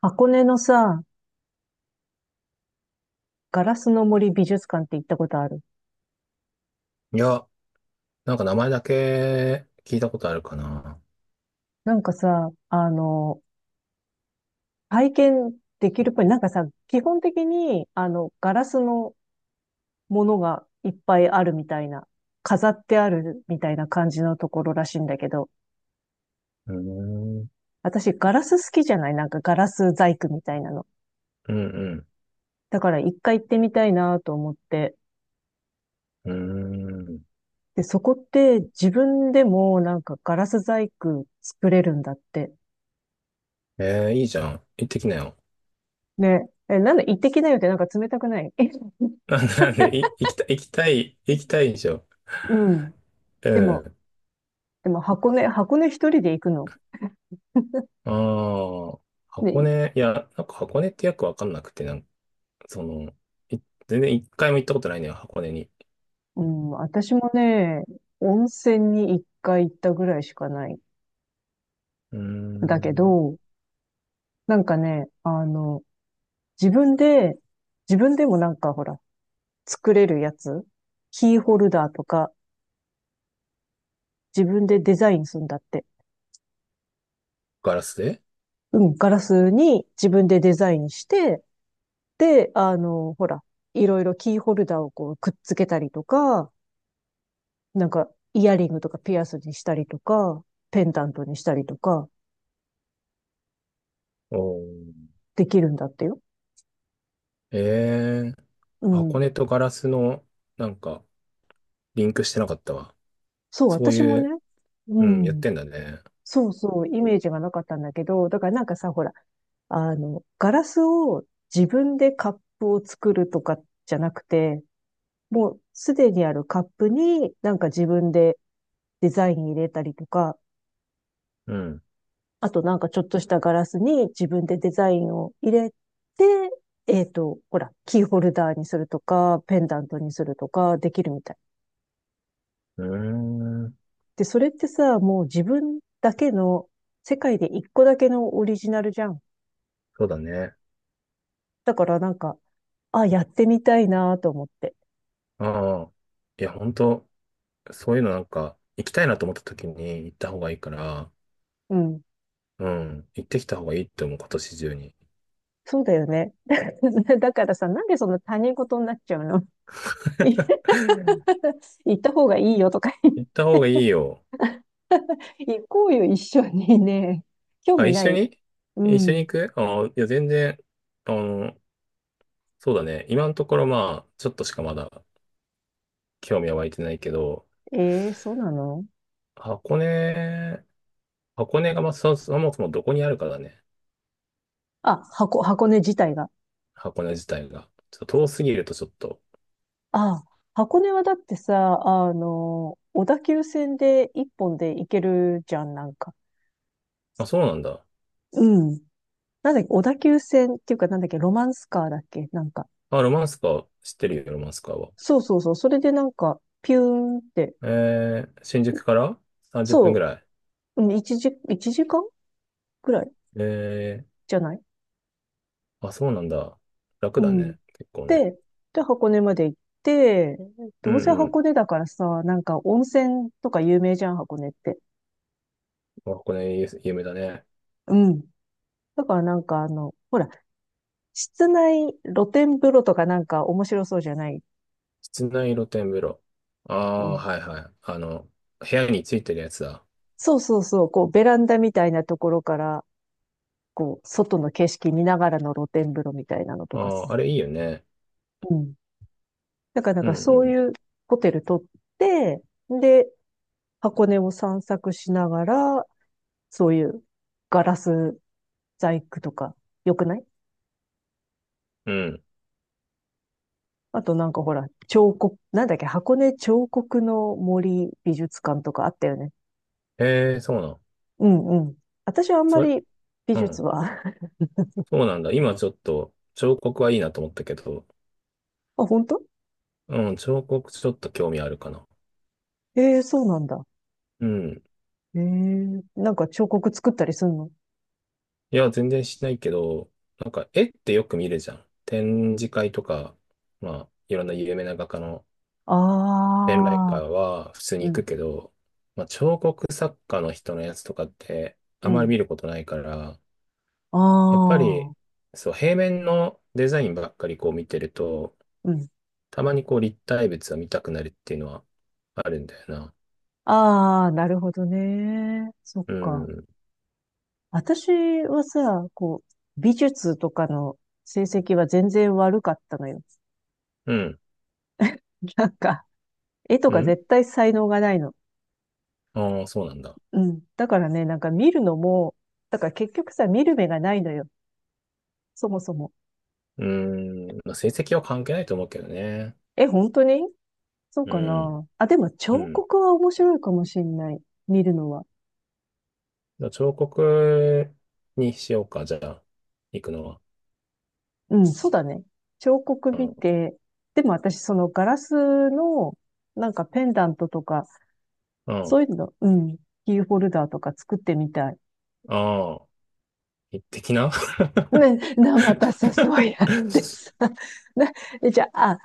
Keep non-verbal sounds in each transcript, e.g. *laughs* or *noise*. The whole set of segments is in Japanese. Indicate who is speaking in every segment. Speaker 1: 箱根のさ、ガラスの森美術館って行ったことある？
Speaker 2: いや、なんか名前だけ聞いたことあるかな。
Speaker 1: なんかさ、体験できるっぽい。なんかさ、基本的に、ガラスのものがいっぱいあるみたいな、飾ってあるみたいな感じのところらしいんだけど、
Speaker 2: うーん。うん
Speaker 1: 私ガラス好きじゃない？なんかガラス細工みたいなの。
Speaker 2: うん。
Speaker 1: だから一回行ってみたいなと思って。
Speaker 2: うーん。
Speaker 1: で、そこって自分でもなんかガラス細工作れるんだって。
Speaker 2: えー、いいじゃん。行ってきなよ。
Speaker 1: ね。え、なんで行ってきなよってなんか冷たくない？え *laughs*
Speaker 2: *laughs* なんで、なんで、行きたい、行きたい、行きたいでしょ。
Speaker 1: うん。
Speaker 2: う
Speaker 1: でも、
Speaker 2: ん。
Speaker 1: でも箱根一人で行くの？
Speaker 2: ああ、
Speaker 1: で、
Speaker 2: 箱根、いや、なんか箱根ってよくわかんなくて、その、い全然一回も行ったことないのよ、箱根に。
Speaker 1: うん、私もね、温泉に一回行ったぐらいしかない。
Speaker 2: うー
Speaker 1: だけ
Speaker 2: ん。
Speaker 1: ど、なんかね、自分で、自分でもなんかほら、作れるやつ、キーホルダーとか、自分でデザインするんだって。
Speaker 2: ガラスで。
Speaker 1: うん、ガラスに自分でデザインして、で、ほら、いろいろキーホルダーをこうくっつけたりとか、なんかイヤリングとかピアスにしたりとか、ペンダントにしたりとか、
Speaker 2: おー。
Speaker 1: できるんだってよ。
Speaker 2: えー、
Speaker 1: う
Speaker 2: 箱
Speaker 1: ん。
Speaker 2: 根とガラスの、なんか、リンクしてなかったわ。
Speaker 1: そう、
Speaker 2: そう
Speaker 1: 私
Speaker 2: い
Speaker 1: もね。
Speaker 2: う、
Speaker 1: う
Speaker 2: うん、やっ
Speaker 1: ん。
Speaker 2: てんだね。
Speaker 1: そうそう、イメージがなかったんだけど、だからなんかさ、ほら、ガラスを自分でカップを作るとかじゃなくて、もうすでにあるカップになんか自分でデザイン入れたりとか、
Speaker 2: うん。
Speaker 1: あとなんかちょっとしたガラスに自分でデザインを入れて、ほら、キーホルダーにするとか、ペンダントにするとか、できるみたい。
Speaker 2: うーん。
Speaker 1: で、それってさ、もう自分だけの、世界で1個だけのオリジナルじゃん。
Speaker 2: そうだね。
Speaker 1: だからなんか、あ、やってみたいなと思って。
Speaker 2: ああ。いや、本当そういうのなんか、行きたいなと思った時に行った方がいいから、
Speaker 1: うん。
Speaker 2: うん。行ってきた方がいいって思う、今年中に。
Speaker 1: そうだよね。*laughs* だからさ、なんでそんな他人事になっちゃうの？ *laughs* 行った方がいいよとか言っ
Speaker 2: 行った方がいいよ。
Speaker 1: て *laughs* 行こうよ、一緒にね。興
Speaker 2: あ、
Speaker 1: 味ない？う
Speaker 2: 一緒に
Speaker 1: ん。
Speaker 2: 行く。ああ、いや、全然、あの、そうだね。今のところ、まあ、ちょっとしかまだ興味は湧いてないけど、
Speaker 1: そうなの？
Speaker 2: 箱根、箱根が、まあ、そもそもどこにあるかだね。
Speaker 1: あ、箱根自体が。
Speaker 2: 箱根自体が。ちょっと遠すぎるとちょっと、
Speaker 1: あ、箱根はだってさ、小田急線で1本で行けるじゃん、なんか。
Speaker 2: あ、そうなんだ。
Speaker 1: うん。なんだっけ、小田急線っていうか、なんだっけ、ロマンスカーだっけ、なんか。
Speaker 2: あ、ロマンスカー知ってるよ、ロマンスカーは。
Speaker 1: そうそうそう。それでなんか、ピューンって。
Speaker 2: えー、新宿から30分ぐ
Speaker 1: そ
Speaker 2: らい。
Speaker 1: う。うん、1時、1時間ぐらい
Speaker 2: え
Speaker 1: じゃない？
Speaker 2: ー、あ、そうなんだ。楽
Speaker 1: う
Speaker 2: だ
Speaker 1: ん。
Speaker 2: ね、結構ね。
Speaker 1: で、で、箱根まで行って、
Speaker 2: う
Speaker 1: どうせ
Speaker 2: んう
Speaker 1: 箱
Speaker 2: ん。
Speaker 1: 根だからさ、なんか温泉とか有名じゃん、箱根って。
Speaker 2: あ、これ有名だね。
Speaker 1: うん。だからなんかほら、室内露天風呂とかなんか面白そうじゃない？
Speaker 2: 室内露天風呂。あ
Speaker 1: う
Speaker 2: あ、
Speaker 1: ん。
Speaker 2: はいはい。あの、部屋についてるやつだ。
Speaker 1: そうそうそう。こう、ベランダみたいなところから、こう、外の景色見ながらの露天風呂みたいなの
Speaker 2: あ
Speaker 1: とかさ。
Speaker 2: あ、あれいいよね。
Speaker 1: うん。だからなん
Speaker 2: う
Speaker 1: かそう
Speaker 2: ん
Speaker 1: いうホテル取って、で、箱根を散策しながら、そういうガラス細工とか、よくない？
Speaker 2: うん。うん。
Speaker 1: あとなんかほら、彫刻、なんだっけ、箱根彫刻の森美術館とかあったよね。
Speaker 2: えー、そうなん。
Speaker 1: うんうん。私はあんま
Speaker 2: それ、
Speaker 1: り美
Speaker 2: う
Speaker 1: 術
Speaker 2: ん。
Speaker 1: は
Speaker 2: そうなんだ。今ちょっと、彫刻はいいなと思ったけど、
Speaker 1: *laughs* あ、本当？
Speaker 2: うん、彫刻ちょっと興味あるかな。
Speaker 1: ええー、そうなんだ。
Speaker 2: うん。
Speaker 1: ええ、なんか彫刻作ったりすんの？
Speaker 2: いや、全然しないけど、なんか絵ってよく見るじゃん。展示会とか、まあ、いろんな有名な画家の展覧
Speaker 1: ああ
Speaker 2: 会は普通に
Speaker 1: ー、う
Speaker 2: 行く
Speaker 1: ん。
Speaker 2: けど、まあ、彫刻作家の人のやつとかって
Speaker 1: う
Speaker 2: あまり見
Speaker 1: ん。
Speaker 2: ることないから、
Speaker 1: あ
Speaker 2: やっぱり、
Speaker 1: あ、
Speaker 2: そう、平面のデザインばっかりこう見てると、
Speaker 1: うん。
Speaker 2: たまにこう立体物を見たくなるっていうのはあるんだよな。
Speaker 1: ああ、なるほどね。そっ
Speaker 2: う
Speaker 1: か。
Speaker 2: ん、
Speaker 1: 私はさ、こう、美術とかの成績は全然悪かったのよ。
Speaker 2: うん、
Speaker 1: *laughs* なんか、絵と
Speaker 2: う
Speaker 1: か
Speaker 2: ん。
Speaker 1: 絶対才能がないの。
Speaker 2: ああ、そうなんだ。
Speaker 1: うん。だからね、なんか見るのも、だから結局さ、見る目がないのよ。そもそも。
Speaker 2: うん、まあ、成績は関係ないと思うけどね。
Speaker 1: え、本当にそう
Speaker 2: う
Speaker 1: か
Speaker 2: ん。
Speaker 1: な。あ、でも
Speaker 2: う
Speaker 1: 彫
Speaker 2: ん。
Speaker 1: 刻は面白いかもしんない。見るのは。
Speaker 2: じゃあ彫刻にしようか、じゃあ、行くのは。
Speaker 1: うん、そうだね。彫刻
Speaker 2: う
Speaker 1: 見
Speaker 2: ん。
Speaker 1: て、でも私そのガラスのなんかペンダントとか、
Speaker 2: うん。
Speaker 1: そういうの、うん、キーホルダーとか作ってみたい。
Speaker 2: ああ、一滴な。 *laughs*
Speaker 1: ね、またさ、そうやってさ。*laughs* な、えじゃあ、あ、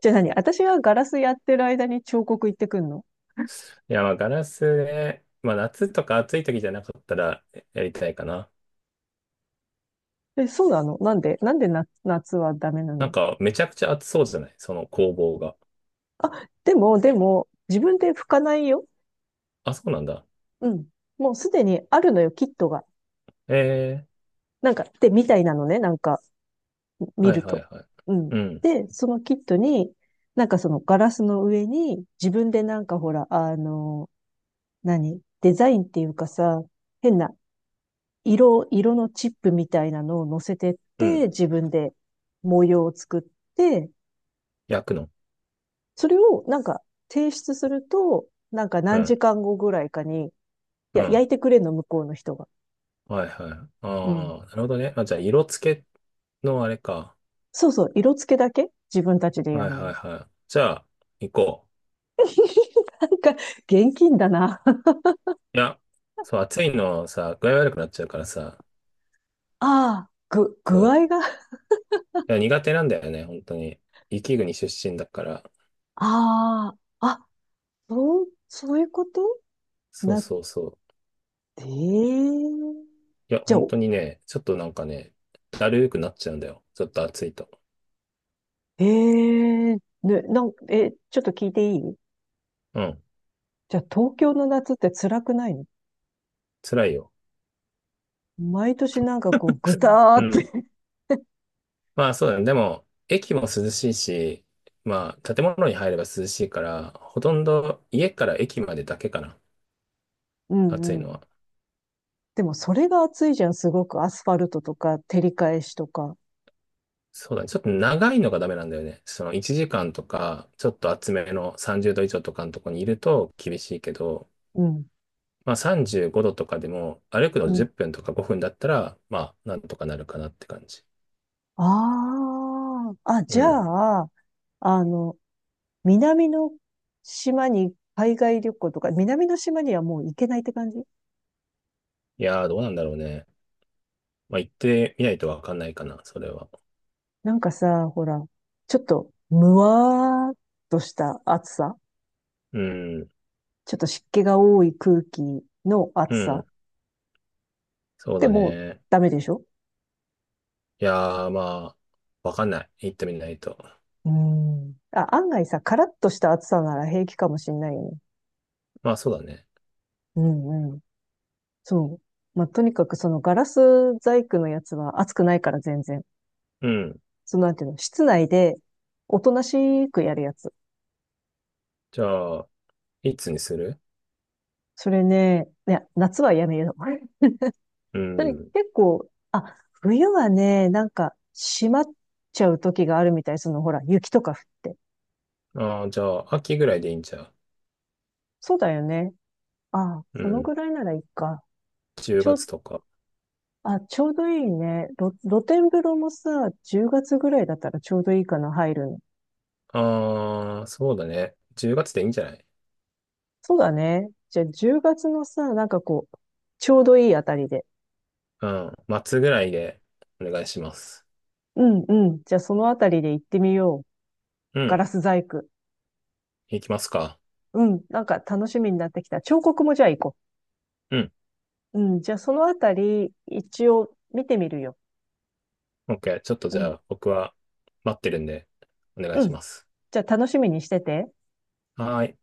Speaker 1: じゃあ何私がガラスやってる間に彫刻行ってくんの？
Speaker 2: いや、まあ、ガラスで、まあ、夏とか暑い時じゃなかったらやりたいかな。
Speaker 1: え、そうなの？なんで夏はダメな
Speaker 2: な
Speaker 1: の？
Speaker 2: んか、めちゃくちゃ暑そうじゃないその工房が。
Speaker 1: あ、でも、自分で拭かないよ。
Speaker 2: あ、そうなんだ。
Speaker 1: うん。もうすでにあるのよ、キットが。
Speaker 2: ええ、
Speaker 1: なんか、で、みたいなのね、なんか。見
Speaker 2: は
Speaker 1: る
Speaker 2: いはい
Speaker 1: と。
Speaker 2: はい。
Speaker 1: うん。
Speaker 2: うん、
Speaker 1: で、そのキットに、なんかそのガラスの上に、自分でなんかほら、何デザインっていうかさ、変な色のチップみたいなのを乗せてっ
Speaker 2: う
Speaker 1: て、
Speaker 2: ん。
Speaker 1: 自分で模様を作って、
Speaker 2: 焼くの。
Speaker 1: それをなんか提出すると、なんか
Speaker 2: う
Speaker 1: 何
Speaker 2: ん、
Speaker 1: 時間後ぐらいかに、い
Speaker 2: う
Speaker 1: や、
Speaker 2: ん。
Speaker 1: 焼いてくれんの、向こうの人が。
Speaker 2: はいはい。あ
Speaker 1: うん。
Speaker 2: あ、なるほどね。あ、じゃあ、色付けのあれか。
Speaker 1: そうそう、色付けだけ自分たちでや
Speaker 2: はい
Speaker 1: るの
Speaker 2: は
Speaker 1: は。
Speaker 2: いはい。じゃあ、行こう。
Speaker 1: *laughs* なんか、現金だな。
Speaker 2: いや、そう、暑いのさ、具合悪くなっちゃうからさ、
Speaker 1: *laughs* ああ、具
Speaker 2: そ
Speaker 1: 合が？
Speaker 2: う。いや、苦手なんだよね、本当に。雪国出身だから。
Speaker 1: ああ、あ、そう、そういうこと
Speaker 2: そう
Speaker 1: なっ
Speaker 2: そうそう。
Speaker 1: て、
Speaker 2: いや、
Speaker 1: じゃあ、
Speaker 2: 本当にね、ちょっとなんかね、だるーくなっちゃうんだよ、ちょっと暑いと。
Speaker 1: ええね、え、ちょっと聞いていい？
Speaker 2: うん、
Speaker 1: じゃあ、東京の夏って辛くないの？
Speaker 2: 辛いよ。
Speaker 1: 毎年なんかこう、ぐたー
Speaker 2: う
Speaker 1: って
Speaker 2: ん。
Speaker 1: *laughs*
Speaker 2: まあそうだね。でも、駅も涼しいし、まあ建物に入れば涼しいから、ほとんど家から駅までだけかな、
Speaker 1: う
Speaker 2: 暑
Speaker 1: ん
Speaker 2: い
Speaker 1: う
Speaker 2: の
Speaker 1: ん。
Speaker 2: は。
Speaker 1: でも、それが暑いじゃん、すごく。アスファルトとか、照り返しとか。
Speaker 2: そうだね。ちょっと長いのがダメなんだよね。その1時間とか、ちょっと厚めの30度以上とかのとこにいると厳しいけど、
Speaker 1: うん、
Speaker 2: まあ35度とかでも歩く
Speaker 1: う
Speaker 2: の
Speaker 1: ん。
Speaker 2: 10分とか5分だったら、まあなんとかなるかなって感じ。
Speaker 1: ああ、あ、
Speaker 2: う
Speaker 1: じゃ
Speaker 2: ん。
Speaker 1: あ、あの、南の島に海外旅行とか、南の島にはもう行けないって感じ？
Speaker 2: いやー、どうなんだろうね。まあ行ってみないとわかんないかな、それは。
Speaker 1: なんかさ、ほら、ちょっと、むわーっとした暑さ。
Speaker 2: うん。
Speaker 1: ちょっと湿気が多い空気の
Speaker 2: う
Speaker 1: 暑さ。
Speaker 2: ん。そう
Speaker 1: で
Speaker 2: だ
Speaker 1: も、
Speaker 2: ね。
Speaker 1: ダメでしょ？
Speaker 2: いやー、まあ、わかんない、行ってみないと。
Speaker 1: うーん。あ、案外さ、カラッとした暑さなら平気かもしんないよね。
Speaker 2: まあそうだね。
Speaker 1: うんうん。そう。まあ、とにかくそのガラス細工のやつは暑くないから全然。
Speaker 2: うん。
Speaker 1: そのなんていうの、室内でおとなしくやるやつ。
Speaker 2: じゃあ、いつにする。
Speaker 1: それね、いや、夏はやめよう。
Speaker 2: う
Speaker 1: それ結
Speaker 2: ん。
Speaker 1: 構、あ、冬はね、なんか閉まっちゃう時があるみたい。そのほら、雪とか降って。
Speaker 2: ああ、じゃあ、秋ぐらいでいいんちゃう。
Speaker 1: そうだよね。あ、
Speaker 2: う
Speaker 1: その
Speaker 2: ん。
Speaker 1: ぐらいならいいか。
Speaker 2: 10
Speaker 1: ちょ、
Speaker 2: 月とか。
Speaker 1: あ、ちょうどいいね。露天風呂もさ、10月ぐらいだったらちょうどいいかな、入るの。
Speaker 2: ああ、そうだね。10月でいいんじゃない。
Speaker 1: そうだね。じゃあ10月のさ、なんかこう、ちょうどいいあたりで。
Speaker 2: うん。末ぐらいでお願いします。
Speaker 1: うんうん。じゃあそのあたりで行ってみよう。
Speaker 2: う
Speaker 1: ガ
Speaker 2: ん。
Speaker 1: ラス細工。
Speaker 2: 行きますか。
Speaker 1: うん。なんか楽しみになってきた。彫刻もじゃあ行こ
Speaker 2: うん。
Speaker 1: う。うん。じゃあそのあたり、一応見てみるよ。
Speaker 2: OK。ちょっと
Speaker 1: う
Speaker 2: じゃ
Speaker 1: ん。
Speaker 2: あ僕は待ってるんでお願い
Speaker 1: う
Speaker 2: し
Speaker 1: ん。
Speaker 2: ます。
Speaker 1: じゃあ楽しみにしてて。
Speaker 2: はーい。